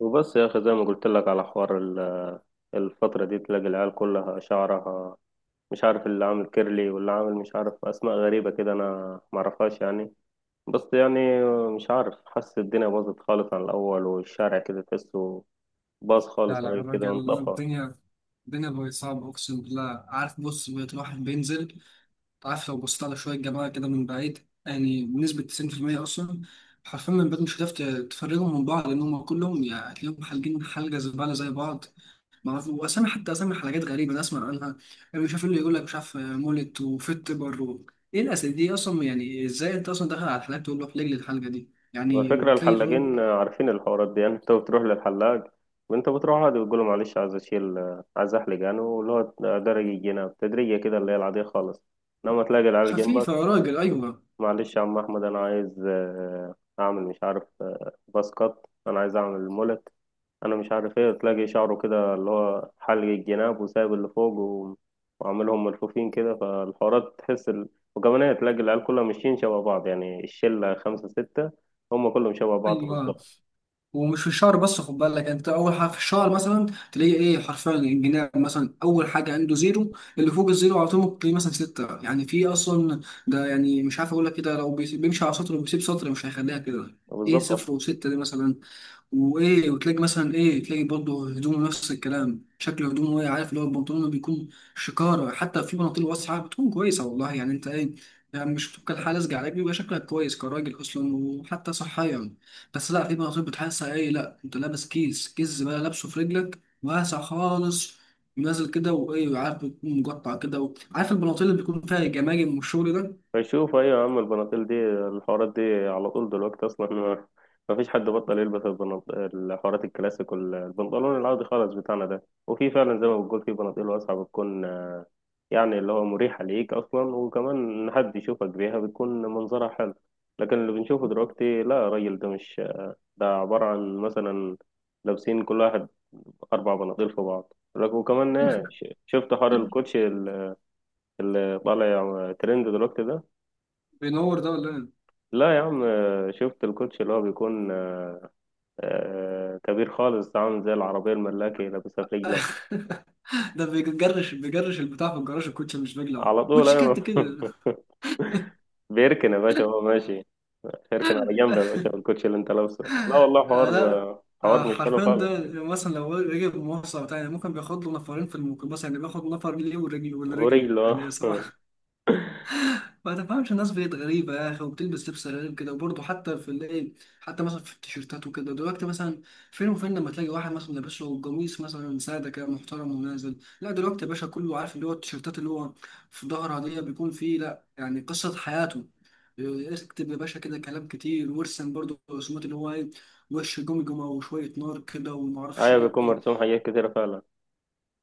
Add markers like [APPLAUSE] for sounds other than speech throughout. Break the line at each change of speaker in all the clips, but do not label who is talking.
وبس يا أخي زي ما قلت لك على حوار الفترة دي تلاقي العيال كلها شعرها مش عارف اللي عامل كيرلي واللي عامل مش عارف أسماء غريبة كده أنا معرفهاش يعني. بس يعني مش عارف، حاسس الدنيا باظت خالص عن الأول، والشارع كده تحسه باظ
لا
خالص
لا يا
عليه كده
راجل
وانطفى.
الدنيا بقت صعبة، أقسم بالله. عارف، بص، بقيت الواحد بينزل، عارف، لو بصيت على شوية جماعة كده من بعيد، يعني بنسبة 90% أصلا، حرفيا من بعيد مش هتعرف تفرقهم من بعض، لأن هما كلهم يعني هتلاقيهم حالجين حلقة زبالة زي بعض. معرفش، وأسامي، حتى أسامي حلقات غريبة أنا أسمع عنها، يعني مش عارف إيه اللي يقول لك مش عارف مولت وفيت بر. إيه الأسامي دي أصلا؟ يعني إزاي أنت أصلا داخل على الحلقة تقول له احلق لي الحلقة دي، يعني،
والفكرة
وتلاقي الراجل
الحلاقين عارفين الحوارات دي يعني. [LAUGHS] أنت بتروح للحلاق وأنت بتروح عادي بتقول له معلش عايز أشيل، عايز أحلق يعني، واللي هو درجة جنيه بتدريجية كده اللي هي العادية خالص. لما تلاقي العيال
خفيفة يا
جنبك،
راجل. أيوه.
معلش يا عم احمد انا عايز اعمل مش عارف باس كات، انا عايز اعمل مولت. انا مش عارف ايه، تلاقي شعره كده اللي هو حلق الجناب وسايب اللي فوق وعاملهم ملفوفين كده، فالحوارات تحس ال... وكمان ايه، تلاقي العيال كلها ماشيين شبه بعض يعني، الشله خمسه سته هم كلهم شبه بعض
أيوه،
بالظبط.
ومش في الشعر بس، خد بالك، يعني انت اول حاجه في الشعر مثلا تلاقي ايه حرفيا الجناب مثلا اول حاجه عنده زيرو، اللي فوق الزيرو على طول ممكن تلاقيه مثلا سته، يعني في اصلا، ده يعني مش عارف اقول لك، كده لو بيمشي على سطر وبيسيب سطر، مش هيخليها كده ايه، صفر
بالظبط.
وسته دي مثلا. وايه، وتلاقي مثلا، ايه، تلاقي برضه هدومه نفس الكلام، شكل هدومه ايه، عارف، اللي هو البنطلون بيكون شكاره. حتى في بناطيل واسعه بتكون كويسه والله، يعني انت ايه، يعني مش بتبقى الحاله لازقه عليك، بيبقى شكلك كويس كراجل اصلا، وحتى صحيا. بس لا، في بناطيل بتحسها ايه، لا، انت لابس كيس، كيس بقى لابسه في رجلك، واسع خالص ونازل كده، وايه، عارف، بيكون مقطع كده، عارف، البناطيل اللي بيكون فيها الجماجم والشغل ده.
بشوف، ايوه يا عم، البناطيل دي الحوارات دي على طول دلوقتي اصلا. [LAUGHS] ما فيش حد بطل يلبس الحوارات الكلاسيك والبنطلون العادي خالص بتاعنا ده، وفي فعلا زي ما بتقول في بناطيل واسعه بتكون يعني اللي هو مريحه ليك اصلا، وكمان إن حد يشوفك بيها بتكون منظرها حلو. لكن اللي بنشوفه دلوقتي لا، الراجل ده مش، ده عباره عن مثلا لابسين كل واحد اربع بناطيل في بعض وكمان إيه، شفت حوار
[LAUGHS]
الكوتشي اللي طالع ترند دلوقتي ده.
بينور ده ولا
لا يا عم، شفت الكوتش اللي هو بيكون كبير خالص عامل زي العربية الملاكي لابسها في
ايه؟
رجلك.
[LAUGHS] ده بيجرش البتاع في الجراج الكوتش، مش بيجلعه
على طول
كوتش كات
أيوة.
كده.
[LAUGHS] بيركن يا باشا وهو ماشي، اركن على جنب يا باشا
[LAUGHS]
بالكوتش اللي انت لابسه. لا والله
آه
حوار،
لا. آه
حوار مش حلو
حرفيا ده
خالص.
مثلا لو رجع بمواصلة بتاع، يعني ممكن بياخد له نفرين في الميكروباص، يعني بياخد نفر ليه ورجل، والرجل
ورجله. [LAUGHS]
يعني
آه.
صباح ما تفهمش. الناس بقت غريبة يا أخي، وبتلبس لبس غريب كده، وبرضه حتى في الإيه، حتى مثلا في التيشيرتات وكده دلوقتي، مثلا فين وفين لما تلاقي واحد مثلا لابس له قميص مثلا سادة كده محترم ونازل. لا دلوقتي يا باشا، كله عارف اللي هو التيشيرتات اللي هو في ظهرها دي بيكون فيه، لا يعني، قصة حياته. اكتب يا باشا كده كلام كتير، وارسم برضه رسومات، اللي هو إيه، وش جمجمة وشوية نار كده ومعرفش
ايوه بيكون
إيه.
مرسوم حاجات كتيرة فعلا.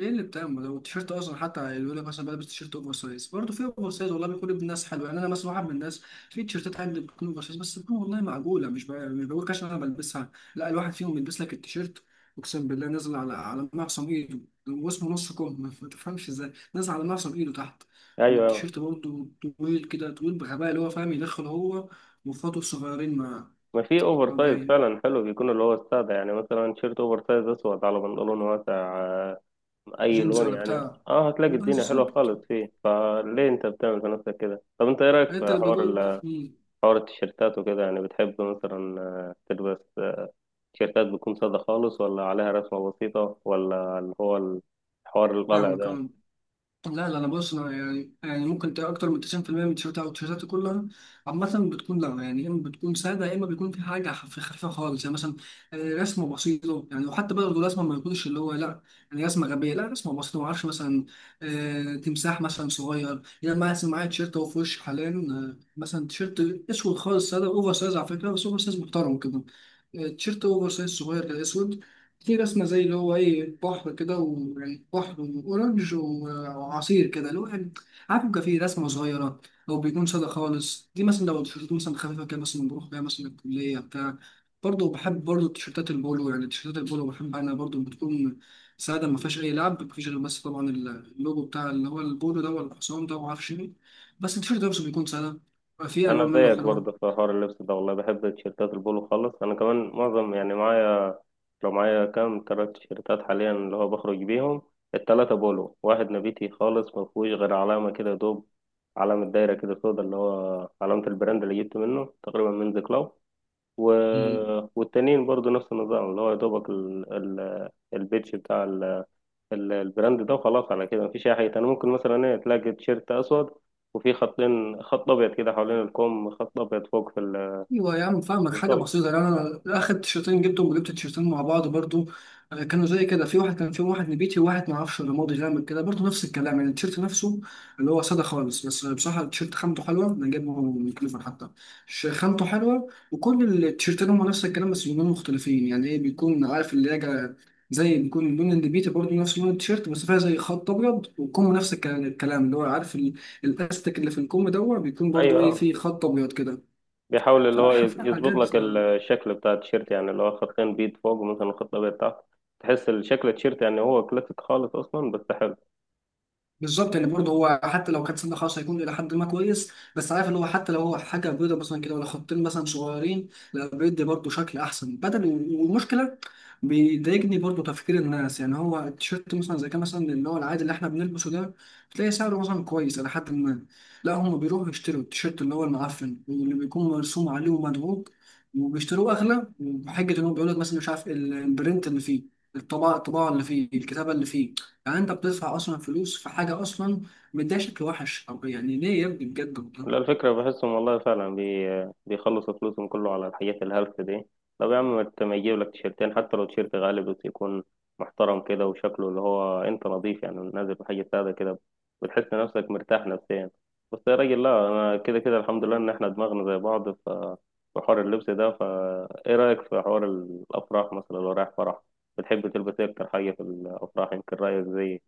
ايه اللي بتاع، ما هو التيشيرت اصلا، حتى يقول لك مثلا بلبس تيشيرت اوفر سايز. برضه في اوفر سايز والله بيكون ابن الناس حلو، يعني انا مثلا واحد من الناس في تيشيرتات عندي بتكون اوفر سايز، بس بتكون والله معقوله، مش بقى مش بقول عشان انا بلبسها، لا. الواحد فيهم بيلبس لك التيشيرت، اقسم بالله، نازل على معصم ايده، واسمه نص كم. [LAUGHS] ما تفهمش ازاي نازل على معصم ايده تحت،
ايوه ايوه.
والتيشيرت برضه طويل كده، طويل بغباء، اللي هو فاهم يدخل هو واخواته الصغيرين مع
ما في اوفر
مع
سايز فعلا حلو بيكون، اللي هو السادة يعني، مثلا تيشيرت اوفر سايز اسود على بنطلون واسع اي
جينز
لون
ولا
يعني.
بتاع.
اه
بس
هتلاقي الدنيا حلوه
بالظبط.
خالص. فيه فليه انت بتعمل في نفسك كده؟ طب انت ايه رايك
انت
في
اللي
حوار
بتقول مم،
حوار التيشيرتات وكده؟ يعني بتحب مثلا تلبس تيشيرتات بتكون ساده خالص، ولا عليها رسمه بسيطه، ولا اللي هو الحوار اللي طالع
فاهمك
ده؟
أهو. لا لا، انا بص، انا يعني، يعني ممكن تلاقي اكتر من 90% من التيشيرتات او التيشيرتات كلها عامه بتكون، لا يعني، يا اما بتكون ساده، يا اما بيكون في حاجه خفيفه خالص، يعني مثلا رسمه بسيطه يعني. وحتى برضه الرسمه ما يكونش اللي هو لا، يعني رسمه غبيه، لا رسمه بسيطه، ما اعرفش مثلا تمساح مثلا صغير. يعني انا مثلا معايا تيشيرت اهو في وشي حاليا، مثلا تيشيرت اسود خالص ساده اوفر سايز على فكره، بس اوفر سايز محترم كده، تيشيرت اوفر سايز صغير كده اسود، في رسمة زي اللي هو ايه، بحر كده، ويعني بحر وأورنج او عصير كده، اللي هو يعني، عارف، بيبقى فيه رسمه صغيره، او بيكون ساده خالص. دي مثلا لو تيشيرتات مثلا خفيفه كده مثلا بروح بيها مثلا الكليه بتاع. برضه بحب برضه التيشيرتات البولو، يعني التيشيرتات البولو بحب، انا برضه بتكون ساده، ما فيهاش اي لعب، ما فيش غير بس طبعا اللوجو بتاع اللي هو البولو ده ولا الحصان ده وما اعرفش ايه، بس التيشيرت ده بس بيكون ساده، فيه
انا
الوان منه
زيك برضه
حلوه.
في حوار اللبس ده والله، بحب تيشيرتات البولو خالص. انا كمان معظم يعني معايا، لو معايا كام تلات تيشيرتات حاليا اللي هو بخرج بيهم، التلاتة بولو. واحد نبيتي خالص ما فيهوش غير علامة كده يا دوب، علامة دايرة كده سودا اللي هو علامة البراند اللي جبت منه تقريبا من ذا كلاو. و... والتانيين برضه نفس النظام، اللي هو يا دوبك ال... ال... البيتش بتاع البراند ده، وخلاص على كده مفيش اي حاجه تاني. ممكن مثلا ايه، تلاقي تيشيرت اسود وفي خطين، خط ابيض كده حوالين الكم، خط ابيض فوق في
ايوه يا عم فاهمك حاجه
بالظبط.
بسيطه. يعني انا اخر تيشرتين جبتهم، وجبت تيشرتين مع بعض برضو، كانوا زي كده، في واحد كان فيهم واحد نبيتي، وواحد ما اعرفش رمادي غامق كده، برضو نفس الكلام يعني التيشرت نفسه اللي هو ساده خالص. بس بصراحه التيشرت خامته حلوه، انا جايبه من كليفر حتى، خامته حلوه. وكل التيشرتين هم نفس الكلام، بس لونين مختلفين، يعني ايه، بيكون عارف اللي هي، زي، بيكون لون النبيتي برضو نفس لون التيشيرت، بس فيها زي خط ابيض، والكم نفس الكلام اللي هو عارف الاستك اللي في الكم دوت بيكون
ايوه
برضو ايه،
آه.
فيه خط ابيض كده.
بيحاول اللي هو
صراحة في
يظبط
حاجات
لك الشكل بتاع التيشيرت يعني، اللي هو خطين بيض فوق ومثلا خط ابيض تحت. تحس الشكل التيشيرت يعني هو كلاسيك خالص اصلا، بس حلو.
بالظبط. يعني برضه هو حتى لو كانت سنة خاصة هيكون إلى حد ما كويس، بس عارف اللي هو حتى لو هو حاجة بيضة مثلا كده، ولا خطين مثلا صغيرين، لا بيدي برضه شكل أحسن بدل. والمشكلة بيضايقني برضه تفكير الناس. يعني هو التيشيرت مثلا زي كان مثلا اللي هو العادي اللي إحنا بنلبسه ده، بتلاقي سعره مثلا كويس إلى حد ما، لا هم بيروحوا يشتروا التيشيرت اللي هو المعفن، واللي بيكون مرسوم عليه ومدروج، وبيشتروه أغلى، وبحجة إن هو بيقول لك مثلا مش عارف البرنت اللي فيه، الطباعة، الطباعة اللي فيه، الكتابة اللي فيه. يعني انت بتصرف اصلا فلوس في حاجه اصلا مديها شكل وحش، طب يعني ليه يا ابني، بجد
لا
والله.
الفكرة بحسهم والله فعلا بي... بيخلصوا فلوسهم كله على الحاجات الهلس دي. طب يا عم ما يجيب لك تيشيرتين، حتى لو تيشيرت غالي بس يكون محترم كده وشكله اللي هو انت نظيف يعني، نازل بحاجة سادة كده، بتحس نفسك مرتاح نفسيا. بس يا راجل لا، انا كده كده الحمد لله ان احنا دماغنا زي بعض، ف في حوار اللبس ده. فا ايه رأيك في حوار الافراح مثلا؟ لو رايح فرح، بتحب تلبس ايه اكتر حاجة في الافراح؟ يمكن رأيك زيي.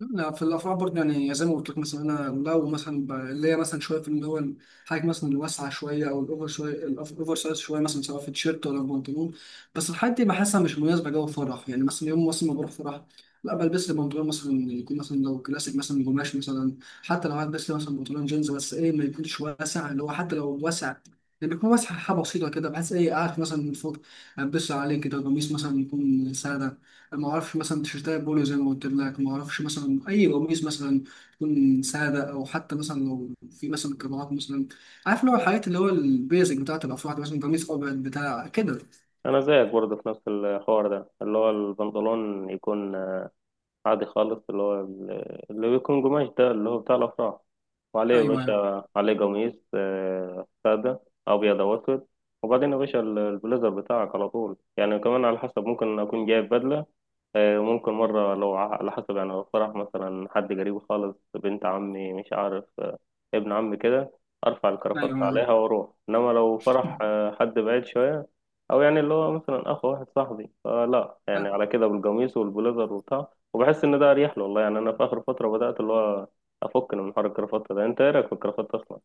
لا في الافراح برضه، يعني زي ما قلت لك، مثلا انا لو مثلا اللي هي مثلا شويه في اللي هو الحاجه مثلا الواسعه شويه، او الاوفر شويه، الاوفر سايز شويه، مثلا سواء في تيشيرت ولا بنطلون، بس الحاجات دي بحسها مش مناسبه جو فرح. يعني مثلا يوم مثلا ما بروح فرح، لا بلبس لي بنطلون مثلا يكون مثلا لو كلاسيك مثلا قماش مثلا، حتى لو هلبس لي مثلا بنطلون جينز، بس ايه، ما يكونش واسع، اللي هو حتى لو واسع يعني بيكون واسع حاجه بسيطه كده، بحس ايه قاعد مثلا من فوق، البس عليه كده قميص مثلا يكون ساده، ما اعرفش مثلا تيشيرتات بولو زي ما قلت لك، ما اعرفش مثلا اي قميص مثلا تكون ساده، او حتى مثلا لو في مثلا قراءات مثلا، عارف اللي هو الحاجات اللي هو البيزك بتاعت الافراد، مثلا قميص ابيض بتاع كده.
انا زيك برضه في نفس الحوار ده، اللي هو البنطلون يكون عادي خالص، اللي هو اللي بيكون قماش ده اللي هو بتاع الأفراح، وعليه يا
ايوه ايوه
باشا، عليه قميص سادة، أبيض أو أسود. وبعدين يا باشا البليزر بتاعك على طول يعني، كمان على حسب، ممكن أكون جايب بدلة. ممكن مرة لو على حسب يعني، لو فرح مثلا حد قريب خالص، بنت عمي مش عارف ابن عمي كده، أرفع الكرافطة
ايوه.
عليها وأروح. إنما لو فرح حد بعيد شوية، أو يعني اللي هو مثلا أخ واحد صاحبي، فلا يعني،
[LAUGHS]
على كده بالقميص والبليزر وبتاع، وبحس إن ده أريح له والله. يعني أنا في آخر فترة بدأت اللي هو أفك من حوار الكرافطة ده. أنت إيه رأيك في الكرافطة أصلا؟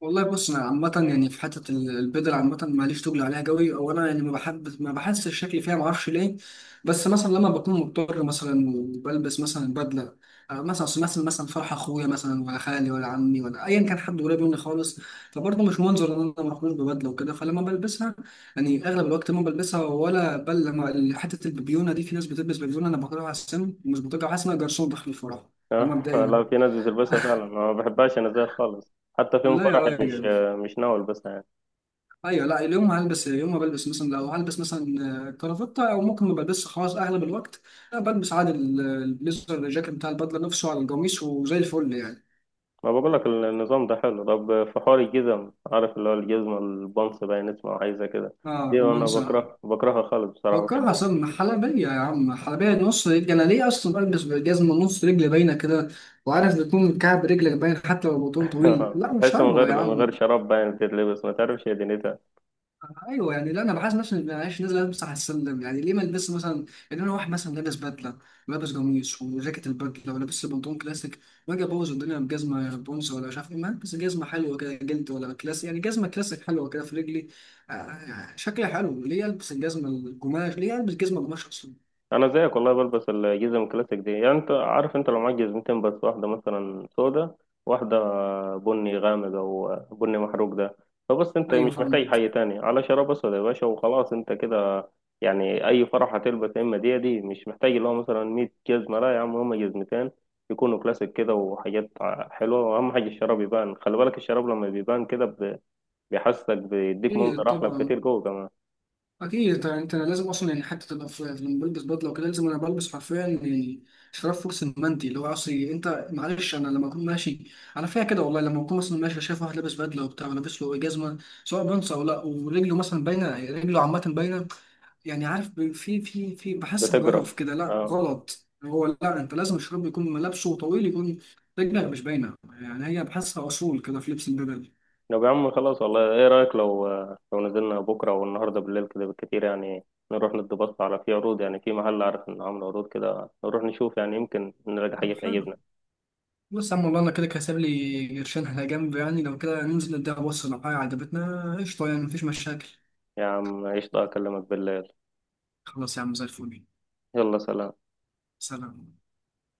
والله بص، انا عامه يعني في حته البدل، عامه ماليش تقل عليها قوي، او انا يعني ما بحب، ما بحسش الشكل فيها، ما اعرفش ليه. بس مثلا لما بكون مضطر مثلا وبلبس مثلا بدله، مثلا أصل مثلا، مثلا فرح اخويا مثلا، ولا خالي، ولا عمي، ولا ايا كان حد قريب مني خالص، فبرضه مش منظر ان انا مخلوش ببدله وكده. فلما بلبسها، يعني اغلب الوقت ما بلبسها، ولا بل لما حته البيبيونه دي، في ناس بتلبس بيبيونه انا بكرهها على السن، ومش بطيقها، حاسس ان أنا جرسون داخل الفرح. ده
آه، [LAUGHS] لا
مبدئيا.
في ناس بتلبسها فعلا، ما بحبهاش أنا زيها خالص. حتى
[LAUGHS]
في يوم
لا يا
فرحي مش،
راجل.
مش ناوي ألبسها يعني.
ايوه لا، اليوم هلبس. يوم ما بلبس مثلا، لو هلبس مثلا كرافتة، او ممكن ما بلبسش خلاص. اغلب الوقت لا بلبس عادي البليزر، الجاكيت بتاع البدله نفسه على القميص، وزي الفل يعني.
ما بقول لك النظام ده حلو. طب في حوار الجزم، عارف اللي هو الجزمة البنص باين اسمه عايزة كده،
اه
دي انا
رومانسي.
بكره بكرهها خالص بصراحة.
فكرها
بحب.
اصلا حلبيه يا عم، حلبيه نص رجل. انا ليه اصلا بلبس جزمه نص رجل باينه كده، وعارف بيكون كعب رجلك باين، حتى لو البطن طويل،
[LAUGHS]
لا مش
بحس من
حلوه
غير،
يا
من غير
عم.
شراب باين تتلبس ما تعرفش هي دنيتها.
ايوه، يعني لا، انا بحس نفسي معلش نازل البس على السلم. يعني ليه ما البس مثلا، يعني انا واحد مثلا لابس بدله، ولابس قميص وجاكيت البدله، ولابس بنطلون كلاسيك، واجي ابوظ الدنيا بجزمه بونس ولا مش عارف ايه؟ ما البس جزمه حلوه كده جلد، ولا كلاسيك، يعني جزمه كلاسيك حلوه كده في رجلي، شكلها حلو. ليه البس الجزمه القماش؟ ليه البس جزمه قماش اصلا؟
انا زيك والله بلبس الجزم الكلاسيك دي، يعني انت عارف، انت لو معاك جزمتين بس، واحده مثلا سودا، واحده بني غامق او بني محروق ده، فبس انت
ايوه
مش محتاج
فاهمك.
حاجه تاني، على شراب اسود يا باشا وخلاص انت كده. يعني اي فرح هتلبس، يا اما دي مش محتاج اللي هو مثلا 100 جزمه، لا يا عم هما جزمتين، يكونوا كلاسيك كده وحاجات حلوه، واهم حاجه الشراب يبان، خلي بالك الشراب لما بيبان كده بيحسسك بيديك
ايه
منظر احلى
طبعا،
بكتير جوه كمان.
اكيد طبعا. انت أنا لازم اصلا، يعني حتى تبقى في لما بلبس بدله وكده لازم، انا بلبس حرفيا يعني شراب فوكس المندي اللي هو اصلي. انت معلش، انا لما اكون ماشي على فيها كده والله، لما اكون مثلا ماشي شايف واحد لابس بدله وبتاع، ولابس له جزمه، سواء بنص او لا، ورجله مثلا باينه، رجله عامه باينه، يعني عارف في في بحس
بتجرب.
بجرف كده، لا
آه.
غلط هو، لا انت لازم الشراب يكون ملابسه طويل، يكون رجلك مش باينه، يعني هي بحسها اصول كده في لبس البدل.
طب يا عم خلاص، والله ايه رأيك لو، لو نزلنا بكرة او النهاردة بالليل كده بالكتير يعني، نروح ندي بص على، في عروض يعني في محل عارف انه عامل عروض كده، نروح نشوف يعني، يمكن نلاقي حاجة
طب حلو.
تعجبنا.
بص يا عم، والله انا كده كده سايب لي قرشين على جنب، يعني لو كده ننزل نديها بص، لو حاجه عجبتنا قشطه يعني، مفيش مشاكل.
يا عم قشطة، اكلمك بالليل.
خلاص يا عم، زي الفل.
يلا سلام.
سلام.